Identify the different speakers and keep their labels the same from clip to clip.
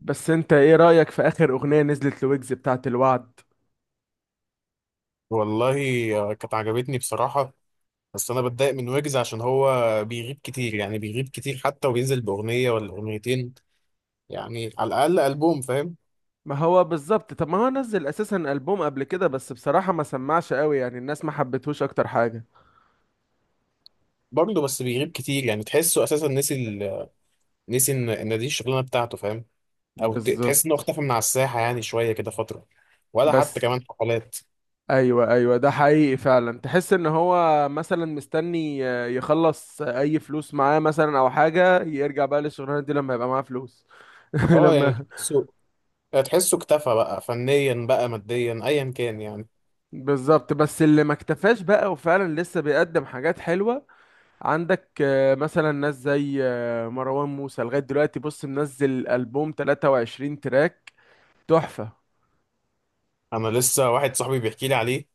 Speaker 1: بس انت ايه رأيك في اخر اغنية نزلت لويجز بتاعت الوعد؟
Speaker 2: والله. كانت عجبتني بصراحة. بس أنا بتضايق من ويجز عشان هو بيغيب كتير، يعني بيغيب كتير حتى وبينزل بأغنية ولا أغنيتين، يعني على الأقل ألبوم، فاهم.
Speaker 1: ما هو بالظبط. طب ما هو نزل اساسا ألبوم قبل كده، بس بصراحة ما سمعش قوي، يعني الناس ما حبتهوش اكتر حاجة.
Speaker 2: برضه بس بيغيب كتير، يعني تحسه أساسا نسي إن دي الشغلانة بتاعته، فاهم. أو تحس إنه
Speaker 1: بالظبط.
Speaker 2: اختفى من على الساحة يعني شوية كده فترة، ولا حتى
Speaker 1: بس
Speaker 2: كمان حفلات.
Speaker 1: ايوه، ايوه، ده حقيقي فعلا، تحس ان هو مثلا مستني يخلص اي فلوس معاه مثلا او حاجة، يرجع بقى للشغلانة دي لما يبقى معاه فلوس.
Speaker 2: أه يعني
Speaker 1: لما.
Speaker 2: تحسه اكتفى بقى فنيا بقى ماديا أيا كان يعني.
Speaker 1: بالظبط، بس اللي ما اكتفاش بقى وفعلا لسه بيقدم حاجات حلوة. عندك مثلا ناس زي مروان موسى لغاية دلوقتي، بص منزل ألبوم 23 تراك. تحفة.
Speaker 2: أنا لسه واحد صاحبي بيحكي لي عليه.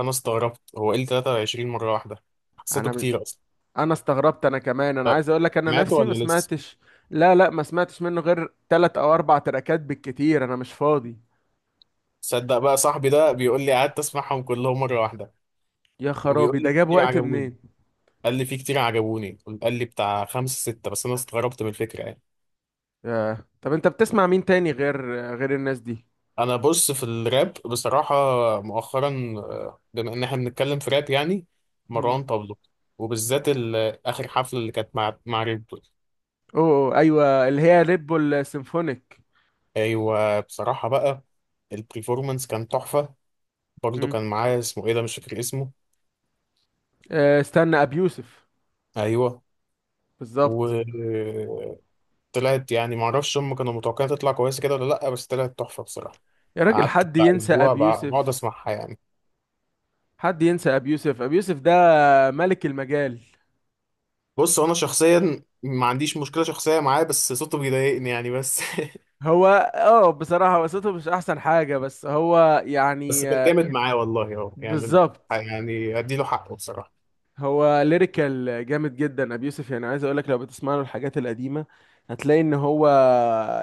Speaker 2: أنا استغربت، هو إيه ال 23 مرة واحدة؟ حسيته
Speaker 1: أنا ب-
Speaker 2: كتير أصلا.
Speaker 1: أنا استغربت، أنا كمان، أنا
Speaker 2: أه،
Speaker 1: عايز أقول لك أنا
Speaker 2: ماتوا
Speaker 1: نفسي ما
Speaker 2: ولا لسه؟
Speaker 1: سمعتش. لا، لا، ما سمعتش منه غير تلات أو أربع تراكات بالكتير، أنا مش فاضي.
Speaker 2: تصدق بقى صاحبي ده بيقول لي قعدت اسمعهم كلهم مره واحده.
Speaker 1: يا
Speaker 2: وبيقول
Speaker 1: خرابي،
Speaker 2: لي
Speaker 1: ده
Speaker 2: في
Speaker 1: جاب
Speaker 2: كتير
Speaker 1: وقت
Speaker 2: عجبوني،
Speaker 1: منين؟
Speaker 2: قال لي في كتير عجبوني، قال لي بتاع خمسة ستة، بس انا استغربت من الفكره يعني.
Speaker 1: ياه. طب أنت بتسمع مين تاني غير الناس دي؟
Speaker 2: انا بص في الراب بصراحه، مؤخرا، بما ان احنا بنتكلم في راب يعني
Speaker 1: مم.
Speaker 2: مروان بابلو. وبالذات اخر حفله اللي كانت مع ريد بول.
Speaker 1: أوه، أوه، أيوة اللي هي ريد بول سيمفونيك.
Speaker 2: ايوه بصراحه بقى، البرفورمانس كان تحفه. برضه
Speaker 1: مم.
Speaker 2: كان معاه، اسمه ايه ده، مش فاكر اسمه.
Speaker 1: استنى أبيوسف.
Speaker 2: ايوه.
Speaker 1: بالظبط.
Speaker 2: و طلعت، يعني معرفش هم كانوا متوقعين تطلع كويسة كده ولا لأ، بس طلعت تحفة بصراحة.
Speaker 1: يا راجل،
Speaker 2: قعدت
Speaker 1: حد
Speaker 2: بتاع
Speaker 1: ينسى
Speaker 2: أسبوع بقعد
Speaker 1: أبيوسف؟
Speaker 2: أسمعها يعني.
Speaker 1: حد ينسى ابي يوسف؟ ابي يوسف ده ملك المجال.
Speaker 2: بص هو أنا شخصيا ما عنديش مشكلة شخصية معاه، بس صوته بيضايقني يعني بس
Speaker 1: هو اه بصراحة قصته مش احسن حاجة، بس هو
Speaker 2: بس
Speaker 1: يعني
Speaker 2: كان جامد معاه والله، هو يعني،
Speaker 1: بالظبط.
Speaker 2: يعني أديله حقه بصراحة.
Speaker 1: هو ليريكال جامد جدا ابي يوسف، يعني عايز اقولك لو بتسمع له الحاجات القديمة هتلاقي ان هو،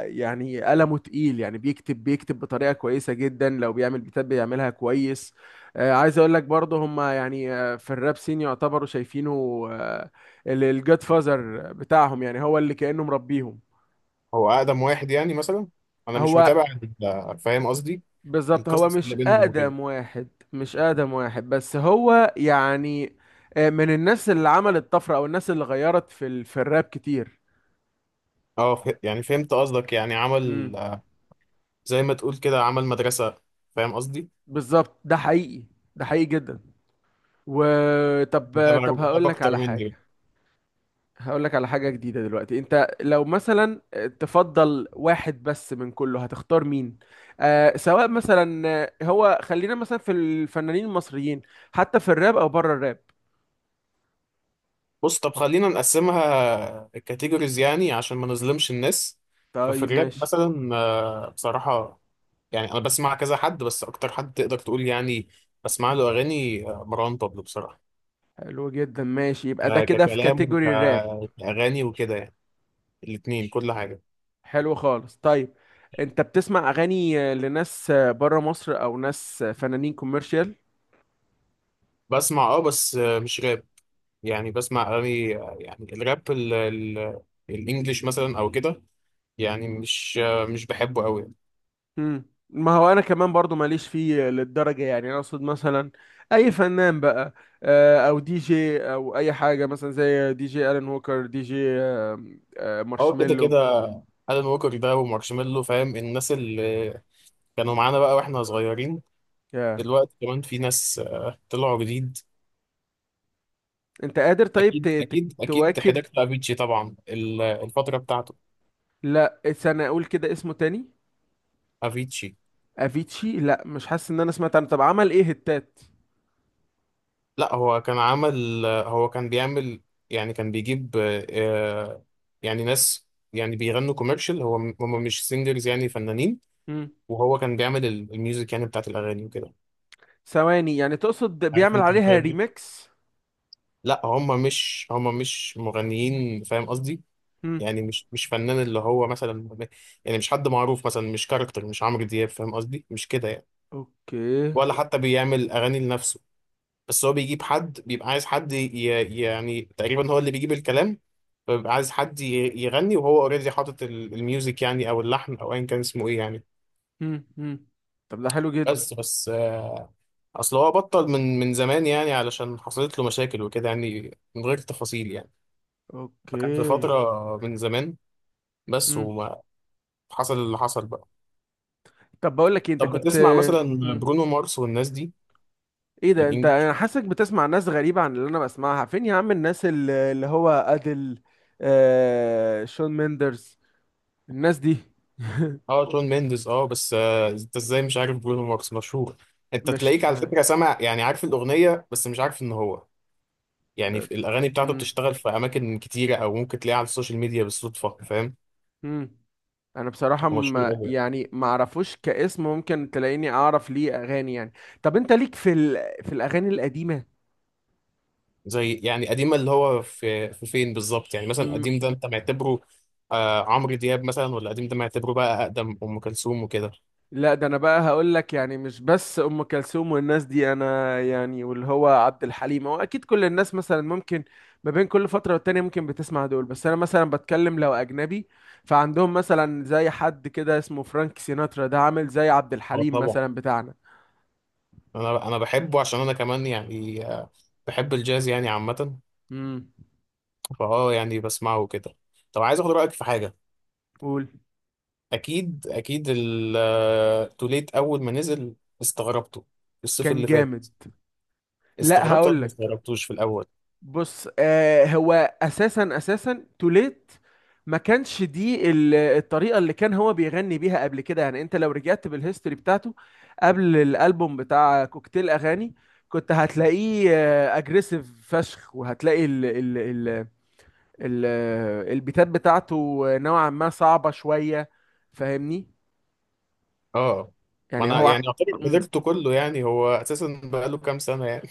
Speaker 1: يعني قلمه تقيل، يعني بيكتب بطريقة كويسة جدا، لو بيعمل بيتات بيعملها كويس. عايز اقولك برضه هما يعني في الراب سين يعتبروا شايفينه الجاد فازر بتاعهم، يعني هو اللي كأنه مربيهم.
Speaker 2: هو أقدم واحد يعني مثلا. أنا مش
Speaker 1: هو،
Speaker 2: متابع فاهم قصدي،
Speaker 1: بالظبط، هو
Speaker 2: القصص
Speaker 1: مش
Speaker 2: اللي بينهم وكده.
Speaker 1: أقدم واحد. مش أقدم واحد، بس هو يعني من الناس اللي عملت طفرة، أو الناس اللي غيرت في الراب كتير.
Speaker 2: اه يعني فهمت قصدك، يعني
Speaker 1: امم
Speaker 2: عمل، زي ما تقول كده عمل مدرسة، فاهم قصدي.
Speaker 1: بالظبط. ده حقيقي، ده حقيقي جدا. وطب
Speaker 2: متابع،
Speaker 1: طب هقول لك
Speaker 2: أكتر
Speaker 1: على
Speaker 2: مني.
Speaker 1: حاجة. هقول لك على حاجة جديدة. دلوقتي أنت لو مثلا تفضل واحد بس من كله، هتختار مين؟ سواء مثلا هو خلينا مثلا في الفنانين المصريين، حتى في الراب أو بره الراب.
Speaker 2: بص طب خلينا نقسمها كاتيجوريز يعني عشان ما نظلمش الناس. ففي
Speaker 1: طيب،
Speaker 2: الراب
Speaker 1: ماشي.
Speaker 2: مثلا، بصراحة يعني أنا بسمع كذا حد، بس أكتر حد تقدر تقول يعني بسمع له أغاني، مروان بابلو بصراحة.
Speaker 1: حلو جدا، ماشي. يبقى ده كده في
Speaker 2: ككلام
Speaker 1: كاتيجوري الراب.
Speaker 2: وكأغاني وكده يعني، الاتنين كل حاجة.
Speaker 1: حلو خالص، طيب. انت بتسمع اغاني لناس بره مصر، او ناس فنانين كوميرشال؟
Speaker 2: بسمع أه بس مش راب. يعني بسمع أغاني يعني الراب الإنجليش مثلا أو كده، يعني مش مش بحبه أوي.
Speaker 1: ما هو انا كمان برضو ماليش فيه للدرجة، يعني انا اقصد مثلا اي فنان بقى او دي جي او اي حاجة، مثلا زي دي جي الان ووكر، دي جي
Speaker 2: أه كده كده،
Speaker 1: مارشميلو.
Speaker 2: ألان ووكر ده ومارشميلو، فاهم، الناس اللي كانوا معانا بقى واحنا صغيرين.
Speaker 1: يا،
Speaker 2: دلوقتي كمان في ناس طلعوا جديد.
Speaker 1: انت قادر؟ طيب
Speaker 2: اكيد اكيد اكيد
Speaker 1: تواكب؟
Speaker 2: حضرت افيتشي طبعا، الفتره بتاعته.
Speaker 1: لا، استنى، اقول كده اسمه تاني.
Speaker 2: افيتشي.
Speaker 1: افيتشي؟ لا، مش حاسس ان انا سمعت عنه. طب عمل ايه هتات؟
Speaker 2: لا هو كان عمل، هو كان بيعمل، يعني كان بيجيب آه، يعني ناس يعني بيغنوا كوميرشال. هو هم مش سينجرز يعني فنانين. وهو كان بيعمل الميوزك يعني بتاعت الاغاني وكده.
Speaker 1: ثواني، يعني تقصد
Speaker 2: عارف
Speaker 1: بيعمل
Speaker 2: انت
Speaker 1: عليها
Speaker 2: التايب ده.
Speaker 1: ريميكس؟
Speaker 2: لا هم مش هم مش مغنيين، فاهم قصدي.
Speaker 1: هم.
Speaker 2: يعني مش فنان، اللي هو مثلا يعني مش حد معروف مثلا، مش كاركتر، مش عمرو دياب، فاهم قصدي، مش كده يعني.
Speaker 1: اوكي.
Speaker 2: ولا حتى بيعمل اغاني لنفسه. بس هو بيجيب حد، بيبقى عايز حد يعني تقريبا هو اللي بيجيب الكلام. فبيبقى عايز حد يغني، وهو اوريدي حاطط الميوزك يعني، او اللحن او ايا كان اسمه ايه يعني.
Speaker 1: هم، هم. طب ده حلو جدا.
Speaker 2: بس اصل هو بطل من زمان يعني، علشان حصلت له مشاكل وكده يعني، من غير تفاصيل يعني.
Speaker 1: اوكي.
Speaker 2: فكان في فترة من زمان بس،
Speaker 1: هم.
Speaker 2: وما حصل اللي حصل بقى.
Speaker 1: طب بقول لك إيه، انت
Speaker 2: طب
Speaker 1: كنت.
Speaker 2: بتسمع مثلا
Speaker 1: هم.
Speaker 2: برونو مارس والناس دي
Speaker 1: ايه
Speaker 2: في
Speaker 1: ده، انت،
Speaker 2: الانجليش؟
Speaker 1: انا حاسك بتسمع ناس غريبة عن اللي انا بسمعها، فين يا عم الناس اللي هو ادل. شون ميندرز، الناس دي.
Speaker 2: اه شون مينديز اه. بس انت ازاي مش عارف برونو مارس؟ مشهور. انت تلاقيك
Speaker 1: مش
Speaker 2: على فكره
Speaker 1: عارف.
Speaker 2: سامع، يعني عارف الاغنيه بس مش عارف ان هو، يعني في الاغاني بتاعته
Speaker 1: هم،
Speaker 2: بتشتغل في اماكن كتيره، او ممكن تلاقيها على السوشيال ميديا بالصدفه، فاهم.
Speaker 1: هم. انا بصراحة
Speaker 2: هو مشهور
Speaker 1: ما
Speaker 2: قوي.
Speaker 1: يعني ما اعرفوش كاسم، ممكن تلاقيني اعرف ليه اغاني يعني. طب انت ليك في الاغاني القديمة؟
Speaker 2: زي يعني قديم، اللي هو في في فين بالظبط يعني، مثلا
Speaker 1: م...
Speaker 2: قديم ده انت معتبره آه عمرو دياب مثلا، ولا قديم ده معتبره بقى اقدم ام كلثوم وكده؟
Speaker 1: لا، ده انا بقى هقول لك، يعني مش بس ام كلثوم والناس دي، انا يعني واللي هو عبد الحليم، هو اكيد كل الناس مثلا ممكن ما بين كل فترة والتانية ممكن بتسمع دول، بس انا مثلا بتكلم لو اجنبي. فعندهم مثلا زي حد كده اسمه فرانك سيناترا، ده عامل زي عبد
Speaker 2: اه
Speaker 1: الحليم
Speaker 2: طبعا.
Speaker 1: مثلا بتاعنا.
Speaker 2: انا بحبه عشان انا كمان يعني، بحب الجاز يعني عامة.
Speaker 1: امم
Speaker 2: فاه يعني بسمعه كده. طب عايز اخد رايك في حاجه.
Speaker 1: قول.
Speaker 2: اكيد التوليت اول ما نزل، استغربته، الصيف
Speaker 1: كان
Speaker 2: اللي فات.
Speaker 1: جامد. لا،
Speaker 2: استغربته
Speaker 1: هقول
Speaker 2: ولا ما
Speaker 1: لك.
Speaker 2: استغربتوش في الاول؟
Speaker 1: بص، هو اساسا توليت ما كانش دي الطريقه اللي كان هو بيغني بيها قبل كده، يعني انت لو رجعت بالهيستوري بتاعته قبل الالبوم بتاع كوكتيل اغاني كنت هتلاقيه اجريسيف فشخ، وهتلاقي ال ال ال ال البيتات بتاعته نوعا ما صعبه شويه، فاهمني؟
Speaker 2: اه ما
Speaker 1: يعني
Speaker 2: انا
Speaker 1: هو.
Speaker 2: يعني اعتبر
Speaker 1: مم.
Speaker 2: حضرته كله يعني، هو اساسا بقاله كام سنه يعني.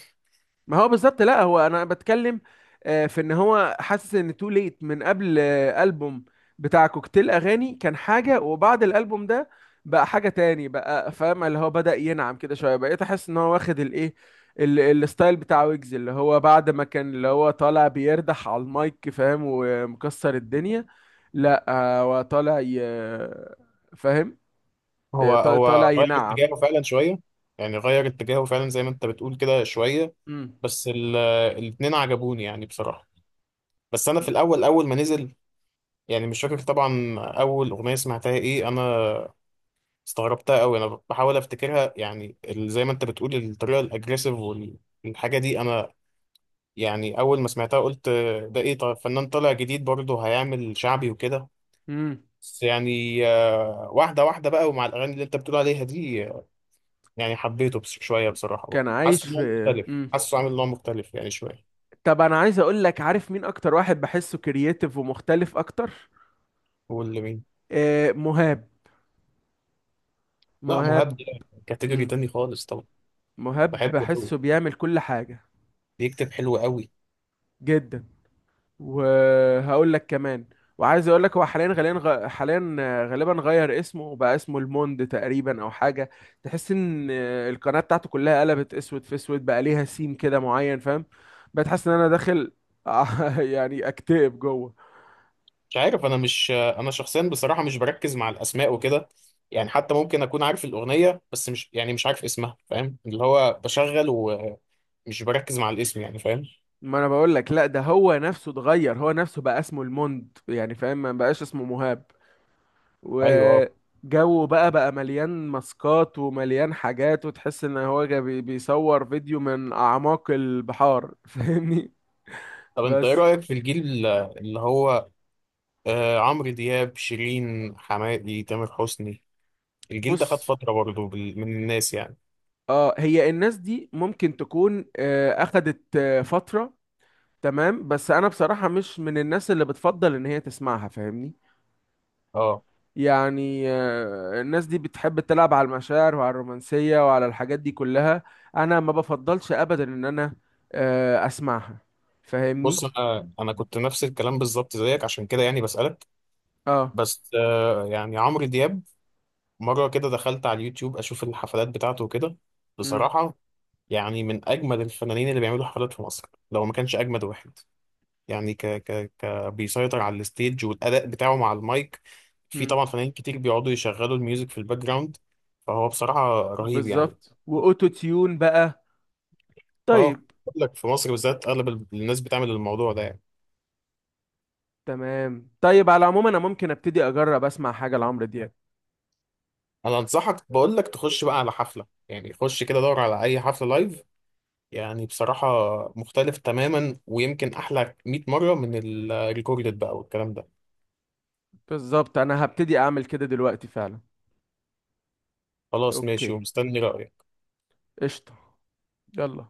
Speaker 1: ما هو بالظبط، لا هو انا بتكلم في ان هو حاسس ان تو ليت من قبل البوم بتاع كوكتيل اغاني كان حاجه، وبعد الالبوم ده بقى حاجه تاني بقى، فاهم؟ اللي هو بدأ ينعم كده شويه، بقيت احس ان هو واخد الايه الستايل بتاع ويجز، اللي هو بعد ما كان اللي هو طالع بيردح على المايك، فاهم؟ ومكسر الدنيا. لا، هو طالع فاهم.
Speaker 2: هو
Speaker 1: طالع
Speaker 2: هو غير
Speaker 1: ينعم.
Speaker 2: اتجاهه فعلا شويه، يعني غير اتجاهه فعلا زي ما انت بتقول كده شويه.
Speaker 1: امم
Speaker 2: بس الاتنين عجبوني يعني بصراحه. بس انا في الاول اول ما نزل، يعني مش فاكر طبعا اول اغنيه سمعتها ايه، انا استغربتها قوي. انا بحاول افتكرها يعني، زي ما انت بتقول الطريقه الاجريسيف والحاجه دي. انا يعني اول ما سمعتها قلت ده ايه، طيب فنان طالع جديد برضه هيعمل شعبي وكده.
Speaker 1: امم
Speaker 2: بس يعني واحده واحده بقى، ومع الاغاني اللي انت بتقول عليها دي يعني حبيته. بس شويه بصراحه بقى
Speaker 1: كان عايش
Speaker 2: حاسس ان
Speaker 1: في.
Speaker 2: هو مختلف.
Speaker 1: امم
Speaker 2: حاسه عامل نوع مختلف يعني شويه.
Speaker 1: طب انا عايز اقول لك، عارف مين اكتر واحد بحسه كرييتيف ومختلف اكتر؟
Speaker 2: واللي مين؟
Speaker 1: مهاب.
Speaker 2: لا مهاب
Speaker 1: مهاب.
Speaker 2: ده كاتيجوري
Speaker 1: مم.
Speaker 2: تاني خالص طبعا.
Speaker 1: مهاب
Speaker 2: بحبه قوي،
Speaker 1: بحسه بيعمل كل حاجة.
Speaker 2: بيكتب حلو قوي.
Speaker 1: جدا. وهقول لك كمان، وعايز اقول لك، هو حاليا غالبا غير اسمه وبقى اسمه الموند تقريبا او حاجة. تحس ان القناة بتاعته كلها قلبت اسود في اسود، بقى ليها سيم كده معين، فاهم؟ بقيت حاسس ان انا داخل يعني اكتئب جوه.
Speaker 2: مش عارف، انا شخصيا بصراحه مش بركز مع الاسماء وكده يعني. حتى ممكن اكون عارف الاغنيه بس مش، يعني مش عارف اسمها، فاهم، اللي هو بشغل ومش بركز مع الاسم يعني، فاهم.
Speaker 1: ما انا بقول لك، لا، ده هو نفسه اتغير، هو نفسه بقى اسمه الموند يعني، فاهم؟ ما بقاش اسمه مهاب.
Speaker 2: ايوه اه.
Speaker 1: وجوه بقى مليان ماسكات ومليان حاجات، وتحس ان هو بيصور فيديو من اعماق البحار فاهمني؟
Speaker 2: طب انت ايه
Speaker 1: بس،
Speaker 2: رايك في الجيل اللي هو آه عمرو دياب، شيرين، حماقي، تامر حسني؟ الجيل ده خد
Speaker 1: بص،
Speaker 2: فتره برضه من الناس يعني.
Speaker 1: اه هي الناس دي ممكن تكون اخدت فترة. تمام، بس انا بصراحة مش من الناس اللي بتفضل ان هي تسمعها، فاهمني؟
Speaker 2: اه
Speaker 1: يعني الناس دي بتحب تلعب على المشاعر وعلى الرومانسية وعلى الحاجات دي كلها. انا ما بفضلش ابدا ان انا اسمعها، فاهمني؟
Speaker 2: بص انا كنت نفس الكلام بالظبط زيك عشان كده يعني بسالك.
Speaker 1: اه.
Speaker 2: بس آه يعني عمرو دياب، مرة كده دخلت على اليوتيوب أشوف الحفلات بتاعته وكده،
Speaker 1: مم.
Speaker 2: بصراحة يعني من أجمد الفنانين اللي بيعملوا حفلات في مصر لو ما كانش أجمد واحد. يعني ك ك ك بيسيطر على الستيج والأداء بتاعه مع المايك. في
Speaker 1: مم.
Speaker 2: طبعا فنانين كتير بيقعدوا يشغلوا الميوزك في الباك جراوند. فهو بصراحة رهيب يعني.
Speaker 1: بالظبط، واوتو تيون بقى.
Speaker 2: اه
Speaker 1: طيب.
Speaker 2: بقول لك، في مصر بالذات أغلب الناس بتعمل الموضوع ده يعني.
Speaker 1: تمام. طيب، على العموم انا ممكن ابتدي اجرب اسمع حاجة لعمرو دياب.
Speaker 2: أنا أنصحك بقول لك تخش بقى على حفلة، يعني خش كده دور على أي حفلة لايف، يعني بصراحة مختلف تماما، ويمكن أحلى 100 مرة من الريكوردد بقى والكلام ده.
Speaker 1: بالظبط، انا هبتدي اعمل كده دلوقتي فعلا.
Speaker 2: خلاص ماشي،
Speaker 1: اوكي.
Speaker 2: ومستني رأيك.
Speaker 1: قشطة. يلا.